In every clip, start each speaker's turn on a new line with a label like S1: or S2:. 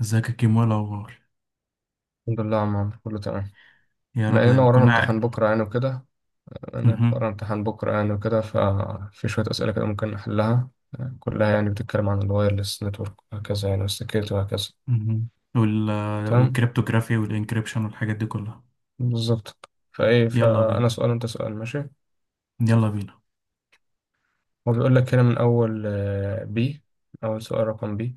S1: ازيك يا كيمو؟ إيه الاخبار؟
S2: الحمد لله يا عم عمرو، كله تمام.
S1: يا رب
S2: لأن أنا
S1: دايما.
S2: ورانا
S1: كنا قاعد.
S2: امتحان بكرة يعني وكده أنا
S1: مهم.
S2: ورانا امتحان بكرة يعني وكده. ففي شوية أسئلة كده ممكن نحلها. آه، كلها يعني بتتكلم عن الوايرلس نتورك وهكذا يعني والسكيورتي وهكذا.
S1: مهم. وال
S2: تمام.
S1: والكريبتوغرافي والانكريبشن والحاجات دي كلها.
S2: بالظبط. فإيه
S1: يلا
S2: فأنا
S1: بينا،
S2: سؤال وأنت سؤال. ماشي.
S1: يلا بينا.
S2: هو بيقول لك هنا من أول بي أول سؤال رقم بي،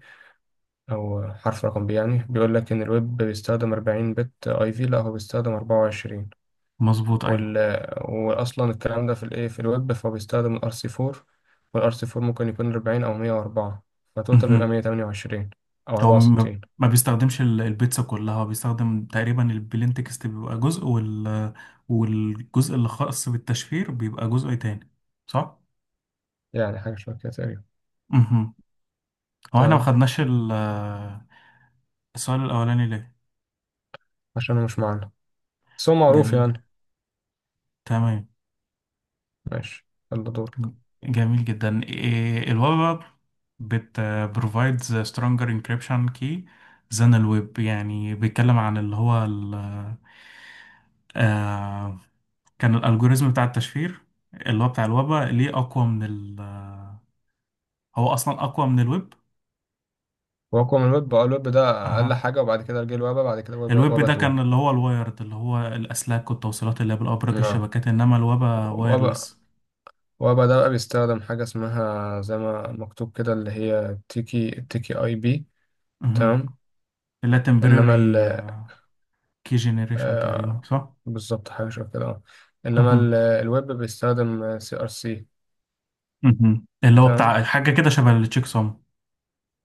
S2: أو حرف رقم بي، يعني بيقول لك إن الويب بيستخدم 40 بت أي في، لا هو بيستخدم 24.
S1: مظبوط، ايوه.
S2: وال... واصلا الكلام ده في الايه، في الويب، فهو بيستخدم الار سي 4، والار سي 4 ممكن يكون 40 او 104، فتوتال بيبقى
S1: مهم.
S2: 128 او
S1: هو ما
S2: 64.
S1: ما بيستخدمش البيتزا كلها، هو بيستخدم تقريبا البلين تكست بيبقى جزء والجزء اللي خاص بالتشفير بيبقى جزء تاني، صح؟
S2: يعني حاجه شبه كده تقريبا.
S1: مهم. هو احنا ما
S2: تمام.
S1: خدناش السؤال الاولاني ليه؟
S2: عشان هو مش معانا، بس هو معروف
S1: جميل.
S2: يعني.
S1: تمام.
S2: ماشي. يلا دورك.
S1: جميل جدا. إيه، ال Web App بت provides a stronger encryption key than ال Web. يعني بيتكلم عن اللي هو ال آه كان الالجوريزم بتاع التشفير، اللي هو بتاع الويب ليه اقوى من ال هو اصلا اقوى من الويب.
S2: واقوى من الويب. اه، الويب ده اقل
S1: اها.
S2: حاجه، وبعد كده جه الويب، بعد كده
S1: الويب
S2: ويب
S1: ده
S2: 2.
S1: كان اللي هو الوايرد، اللي هو الاسلاك والتوصيلات اللي بالابراج،
S2: اه،
S1: الشبكات، انما الويب
S2: ويب
S1: وايرلس.
S2: ويب ده بقى بيستخدم حاجه اسمها زي ما مكتوب كده، اللي هي تيكي تيكي اي بي.
S1: مهم.
S2: تمام.
S1: اللي هي
S2: انما.
S1: temporary key generation تقريبا،
S2: آه،
S1: صح؟
S2: بالظبط، حاجة شبه كده اه. إنما
S1: مهم.
S2: الويب بيستخدم سي ار سي.
S1: مهم. اللي هو
S2: تمام.
S1: بتاع حاجة كده شبه التشيك سوم.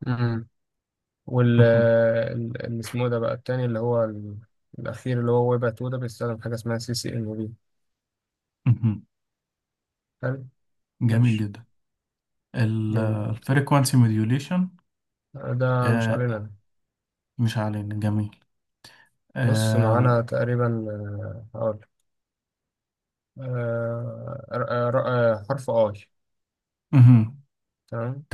S2: امم
S1: مهم.
S2: اللي اسمه ده بقى التاني، اللي هو الأخير، اللي هو ويب 2 ده، بيستخدم حاجة اسمها سي سي إن بي.
S1: مهم.
S2: حلو.
S1: جميل
S2: ماشي.
S1: جدا.
S2: جميل برضه.
S1: الفريكوانسي موديوليشن.
S2: ده مش علينا ده.
S1: مش علينا، جميل.
S2: بص،
S1: آه، و-
S2: معانا تقريبا. آه، هقول آه، ر- آه، ر- آه، حرف اي.
S1: مهم.
S2: تمام.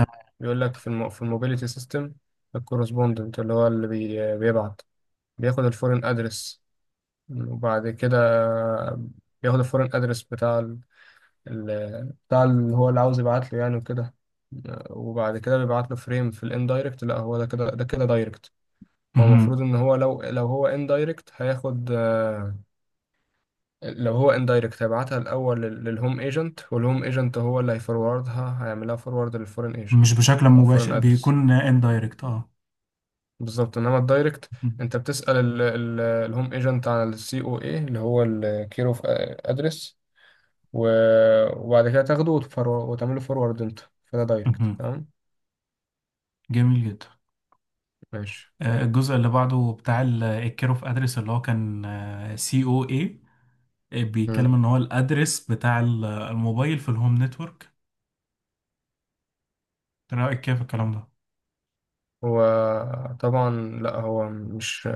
S2: بيقول لك في الموبيليتي سيستم، الكورسبوندنت اللي هو اللي بيبعت، بياخد الفورين ادرس. وبعد كده بياخد الفورين ادرس بتاع اللي هو اللي عاوز يبعت له يعني وكده. وبعد كده بيبعت له فريم في الاندايركت. لا، هو ده كده، ده كده دايركت. هو
S1: مهم.
S2: المفروض ان هو لو هو اندايركت هياخد، آه، لو هو اندايركت هيبعتها الاول للهوم ايجنت، والهوم ايجنت هو اللي هيفوروردها، هيعملها فورورد للفورين
S1: مش
S2: ايجنت
S1: بشكل
S2: او
S1: مباشر،
S2: فورين ادرس.
S1: بيكون اندايركت، اه.
S2: بالظبط. انما الدايركت،
S1: مهم.
S2: انت بتسأل الهوم ايجنت عن السي او اي، اللي هو الكير اوف ادرس، و... وبعد كده تاخده وتعمله فورورد انت، كده دايركت.
S1: مهم.
S2: تمام.
S1: جميل جدا.
S2: ماشي.
S1: الجزء اللي بعده بتاع الكير اوف ادرس اللي هو كان سي او اي، بيتكلم
S2: مم.
S1: ان هو الادرس بتاع الموبايل في الهوم نتورك. ايه رايك كيف الكلام ده؟
S2: هو طبعا، لا هو مش،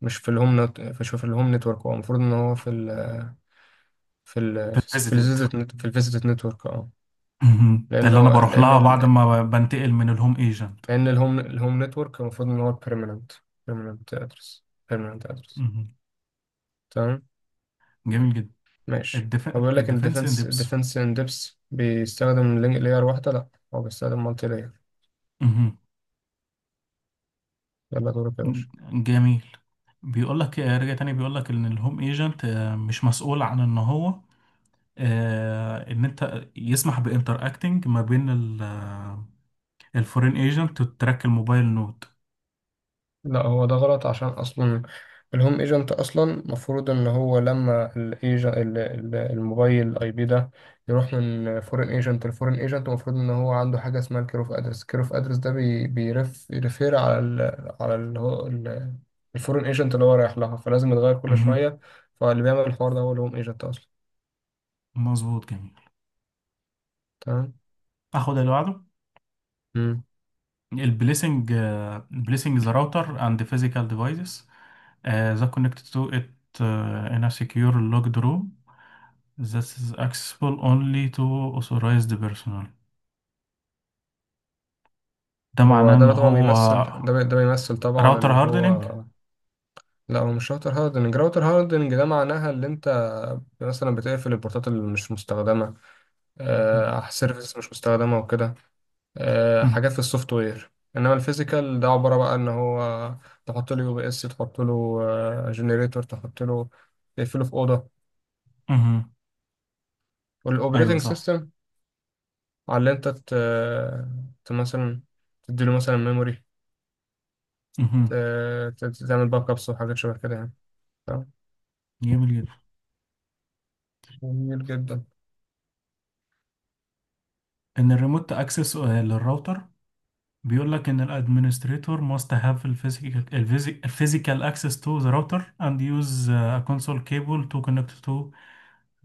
S2: مش في الهوم نتورك. هو المفروض ان هو
S1: فيزيتد.
S2: في الفيزيت نتورك، اه.
S1: مهم. اللي انا
S2: لانه
S1: بروح لها بعد ما بنتقل من الهوم ايجنت.
S2: الهوم نتورك المفروض ان هو بيرمننت، بيرمننت ادرس بيرمننت ادرس.
S1: مهم.
S2: تمام.
S1: جميل جدا.
S2: ماشي.
S1: الديف...
S2: هو بيقول لك ان
S1: الديفنس ان ديبس.
S2: ديفنس ان ديبس بيستخدم لينك لاير واحده. لا، هو بيستخدم مالتي لاير.
S1: مهم.
S2: يلا دورك يا باشا.
S1: جميل. بيقول لك رجع تاني، بيقول لك ان الهوم ايجنت مش مسؤول عن ان هو، ان انت يسمح بانتر اكتنج ما بين الفورين ايجنت وتراك الموبايل نود.
S2: لا، هو ده غلط، عشان اصلا الهوم ايجنت اصلا المفروض ان هو لما الموبايل اي بي ده يروح من فورين ايجنت لفورين ايجنت، المفروض ان هو عنده حاجه اسمها الكير اوف ادرس. الكير اوف ادرس ده بيرف يرفير على ال، على ال هو ال- الفورين ايجنت اللي هو رايح لها، فلازم يتغير كل
S1: مهم.
S2: شويه. فاللي بيعمل الحوار ده هو الهوم ايجنت اصلا.
S1: مظبوط، جميل.
S2: تمام.
S1: اخد اللي بعده.
S2: مم.
S1: البليسنج البليسنج ذا راوتر اند فيزيكال ديفايسز that connected to it in a secure locked room that is accessible only to authorized personnel. ده
S2: هو
S1: معناه ان
S2: ده طبعا
S1: هو
S2: بيمثل، ده بيمثل طبعا
S1: راوتر
S2: ان
S1: هاردنينج.
S2: هو. لا، هو مش راوتر هاردنج. راوتر هاردنج ده معناها اللي انت مثلا بتقفل البورتات اللي مش مستخدمة،
S1: مهم.
S2: آه، سيرفيس مش مستخدمة وكده، آه،
S1: مهم.
S2: حاجات في السوفت وير. انما الفيزيكال ده عبارة بقى ان هو تحط له يو بي اس، تحط له جنريتور، تحط له تقفله في أوضة،
S1: مهم. ايوه،
S2: والاوبريتنج
S1: صح.
S2: سيستم. على اللي انت مثلا تديله مثلا ميموري، ت...
S1: مهم.
S2: تعمل باك ابس وحاجات شبه كده يعني. تمام.
S1: جميل جدا.
S2: جميل جدا.
S1: ان الريموت اكسس للراوتر، بيقول لك ان الادمنستريتور must have the physical physical access to the router and use a console cable to connect to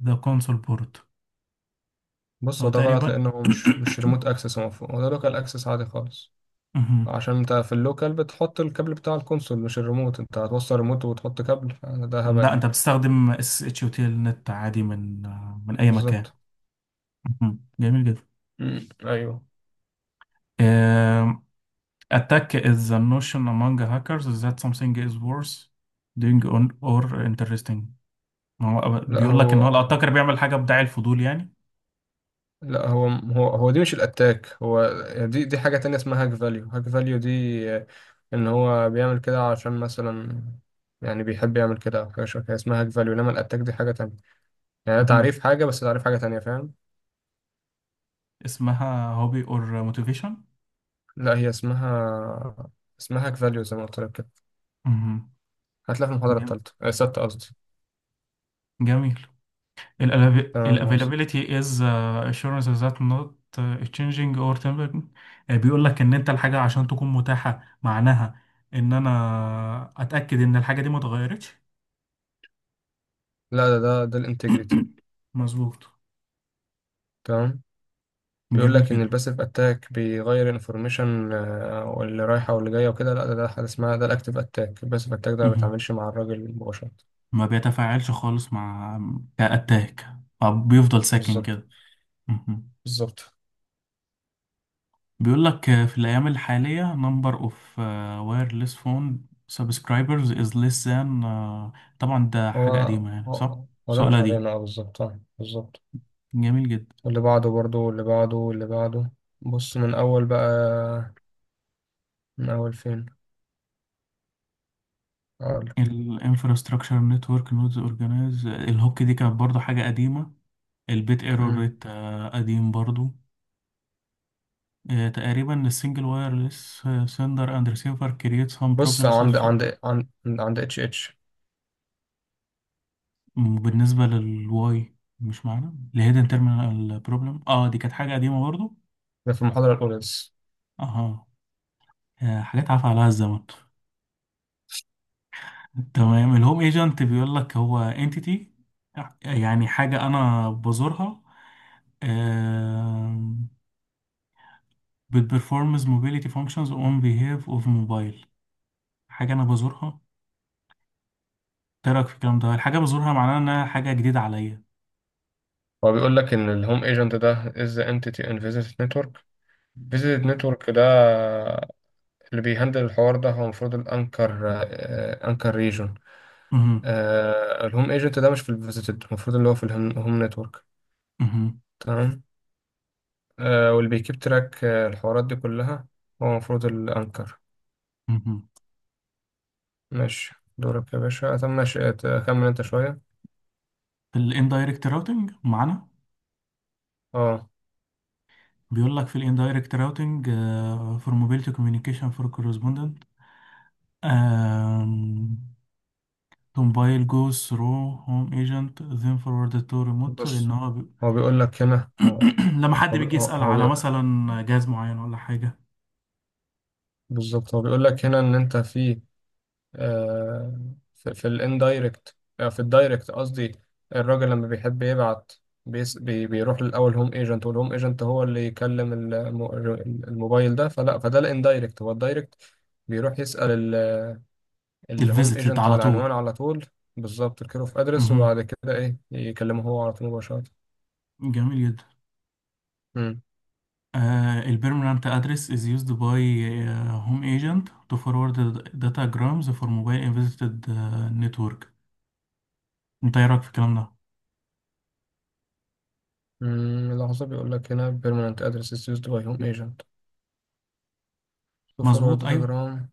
S1: the console port.
S2: بص،
S1: هو
S2: هو ده غلط،
S1: تقريبا.
S2: لانه هو مش ريموت اكسس، هو ده لوكال اكسس عادي خالص. عشان انت في اللوكال بتحط الكابل بتاع الكونسول مش الريموت. انت هتوصل ريموت وتحط كابل؟ ده هبل
S1: لا، انت
S2: يعني.
S1: بتستخدم اس اتش وتيل نت عادي من اي مكان.
S2: بالظبط.
S1: مهم. جميل جدا.
S2: امم، ايوه.
S1: آم، attack is a notion among hackers that something is worth doing on or interesting. ما هو
S2: لا
S1: بيقول لك ان هو
S2: هو
S1: الاتاكر بيعمل حاجه بداعي الفضول يعني.
S2: لا، هو دي مش الاتاك. هو دي حاجة تانية اسمها هاك فاليو. هاك فاليو دي ان هو بيعمل كده عشان مثلا، يعني بيحب يعمل كده، او حاجة شبه كده اسمها هاك فاليو. انما الاتاك دي حاجة تانية. يعني ده
S1: مهم.
S2: تعريف حاجة، بس تعريف حاجة تانية. فاهم؟
S1: اسمها هوبي اور موتيفيشن.
S2: لا، هي اسمها، اسمها هاك فاليو زي ما قلت لك كده.
S1: مهم.
S2: هتلاقي في المحاضرة
S1: جم-
S2: التالتة، آه، الستة قصدي.
S1: جميل. ال
S2: تمام يا عاصم.
S1: availability is assurance that not changing or temporary. بيقول لك ان انت الحاجة عشان تكون متاحة، معناها ان انا اتأكد ان الحاجة دي ما اتغيرتش.
S2: لا، ده الانتجريتي.
S1: مظبوط.
S2: تمام. بيقول
S1: جميل
S2: لك ان
S1: جدا.
S2: الباسيف اتاك بيغير انفورميشن واللي رايحه واللي جايه وكده. لا، ده ده حاجه اسمها، ده الاكتيف اتاك. الباسيف اتاك ده ما
S1: مهم.
S2: بيتعاملش مع الراجل مباشره.
S1: ما بيتفاعلش خالص مع، كأتاك، أو بيفضل ساكن
S2: بالظبط.
S1: كده. مهم.
S2: بالظبط.
S1: بيقول لك في الأيام الحالية number of wireless phone subscribers is less than. طبعا ده
S2: هو
S1: حاجة قديمة يعني، صح؟
S2: هو ده مش
S1: سؤالها دي.
S2: علينا. اه بالظبط، اه بالظبط.
S1: جميل جدا.
S2: واللي بعده برضه، واللي بعده، واللي بعده. بص من اول بقى، من اول فين. اقول.
S1: ال infrastructure network nodes organize. الهوك دي كانت برضو حاجة قديمة. البيت ايرور
S2: مم.
S1: ريت قديم برضو. تقريبا السنجل وايرلس سندر اند ريسيفر كرييت سم
S2: بص
S1: بروبلم such.
S2: عند عند اتش اتش.
S1: بالنسبة للواي، مش معنا الهيدن تيرمينال بروبلم، اه، دي كانت حاجة قديمة برضو.
S2: ده في المحاضره الاولى لسه.
S1: اها. حاجات عفى عليها الزمن. تمام. الهوم ايجنت بيقول لك هو انتيتي، يعني حاجة انا بزورها، بتبرفورمز موبيليتي فانكشنز اون بيهاف اوف موبايل. حاجة انا بزورها. إيه رأيك في الكلام ده؟ الحاجة بزورها معناها انها حاجة جديدة عليا.
S2: هو بيقول لك إن الهوم ايجنت ده is the entity in visit network. فيزيت نتورك ده اللي بيهندل الحوار ده، هو المفروض الانكر، آه، انكر ريجون.
S1: مهم.
S2: آه، الهوم ايجنت ده مش في الفيزيتد، المفروض اللي هو في هوم نتورك.
S1: مهم.
S2: تمام. آه، واللي بيكيب تراك، آه، الحوارات دي كلها، هو المفروض الانكر.
S1: مهم.
S2: ماشي، دورك يا باشا. طب ماشي، كمل انت شوية.
S1: في الاندايركت راوتنج معانا.
S2: اه.
S1: بيقول لك في الاندايركت راوتنج فور موبيليتي كوميونيكيشن فور كورسبوندنت تومبايل جوز ثرو هوم ايجنت ذين فورورد تو ريموت، ان
S2: بص،
S1: هو
S2: هو بيقول لك هنا هو.
S1: لما حد
S2: هو بي-
S1: بيجي
S2: هو-
S1: يسأل
S2: هو
S1: على
S2: بي-
S1: مثلا جهاز معين ولا حاجة،
S2: بالظبط، هو بيقول لك هنا ان انت في، آه، في الاندايركت آه، في الدايركت قصدي. الراجل لما بيحب يبعت، بيس بي بيروح للاول هوم ايجنت، والهوم ايجنت هو اللي يكلم الموبايل ده. فلا، فده الاندايركت، هو الدايركت، بيروح يسأل الهوم
S1: الفيزيتد
S2: ايجنت على
S1: على طول.
S2: العنوان على طول. بالظبط، الكير اوف ادرس،
S1: مهم.
S2: وبعد كده ايه، يكلمه هو على طول مباشرة.
S1: جميل جدا.
S2: مم.
S1: البيرمننت ادرس از يوزد باي هوم ايجنت تو فورورد داتا جرامز فور موبايل ان فيزيتد نتورك. انت ايه رايك في الكلام ده؟
S2: مم، لحظة. بيقول لك هنا بيرمننت ادرس is used by home agent to forward
S1: مظبوط،
S2: the
S1: ايوه.
S2: telegram.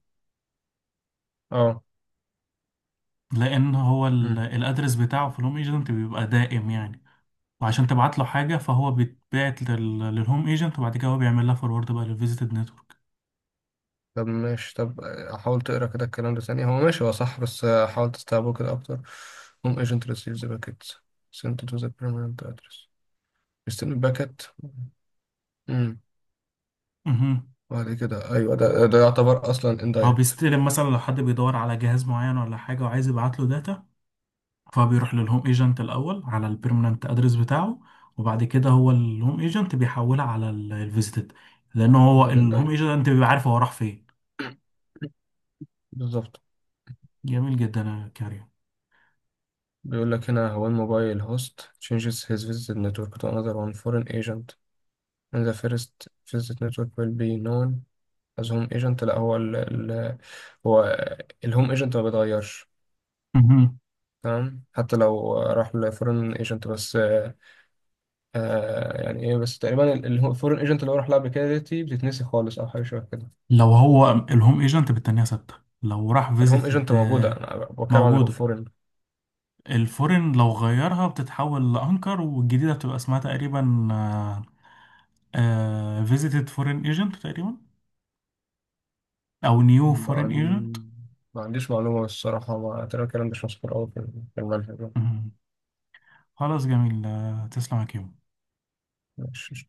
S2: اه.
S1: لان هو الادرس بتاعه في الهوم ايجنت بيبقى دائم يعني، وعشان تبعت له حاجة فهو بيتبعت للهوم ايجنت، وبعد كده هو بيعمل لها فورورد بقى للفيزيتد نتورك.
S2: طب ماشي، طب حاول تقرا كده الكلام ده ثاني. هو ماشي، هو صح، بس حاول تستوعبه كده اكتر. هوم ايجنت ريسيفز باكيت سنت تو ذا بيرمننت ادرس، بيستلم الباكت. امم،
S1: امم.
S2: بعد كده، ايوه، ده ده يعتبر اصلا
S1: هو
S2: اندايركت.
S1: بيستلم مثلا لو حد بيدور على جهاز معين ولا حاجة وعايز يبعت له داتا، فبيروح للهوم ايجنت الأول على البيرمننت ادرس بتاعه، وبعد كده هو الهوم ايجنت بيحولها على الفيزيتد، لأن هو
S2: ده
S1: الهوم
S2: الاندايركت.
S1: ايجنت بيبقى عارف هو راح فين.
S2: بالظبط.
S1: جميل جدا يا كريم.
S2: بيقول لك هنا هو الموبايل هوست changes his visit network to another one foreign agent and the first visit network will be known as home agent. لا هو ال ال هو الهوم agent ما بيتغيرش.
S1: مهم.
S2: تمام، حتى لو راح لفورين ايجنت بس آه. آه، يعني ايه بس، تقريبا الفورين ايجنت اللي هو راح لها قبل كده دي بتتنسي خالص او حاجه شبه كده.
S1: لو هو الهوم ايجنت، بالتانية ثابتة. لو راح
S2: الهوم ايجنت
S1: فيزيتد،
S2: موجوده، انا بتكلم عن
S1: موجودة.
S2: الفورين.
S1: الفورن لو غيرها بتتحول لانكر، والجديده بتبقى اسمها تقريبا فيزيتد فورين ايجنت تقريبا، او نيو
S2: ما,
S1: فورين ايجنت.
S2: عن... ما عنديش معلومه الصراحه، ما ترى الكلام ده مش مذكور قوي في المنهج.
S1: خلاص، جميل. تسلم يا كيمو.
S2: مش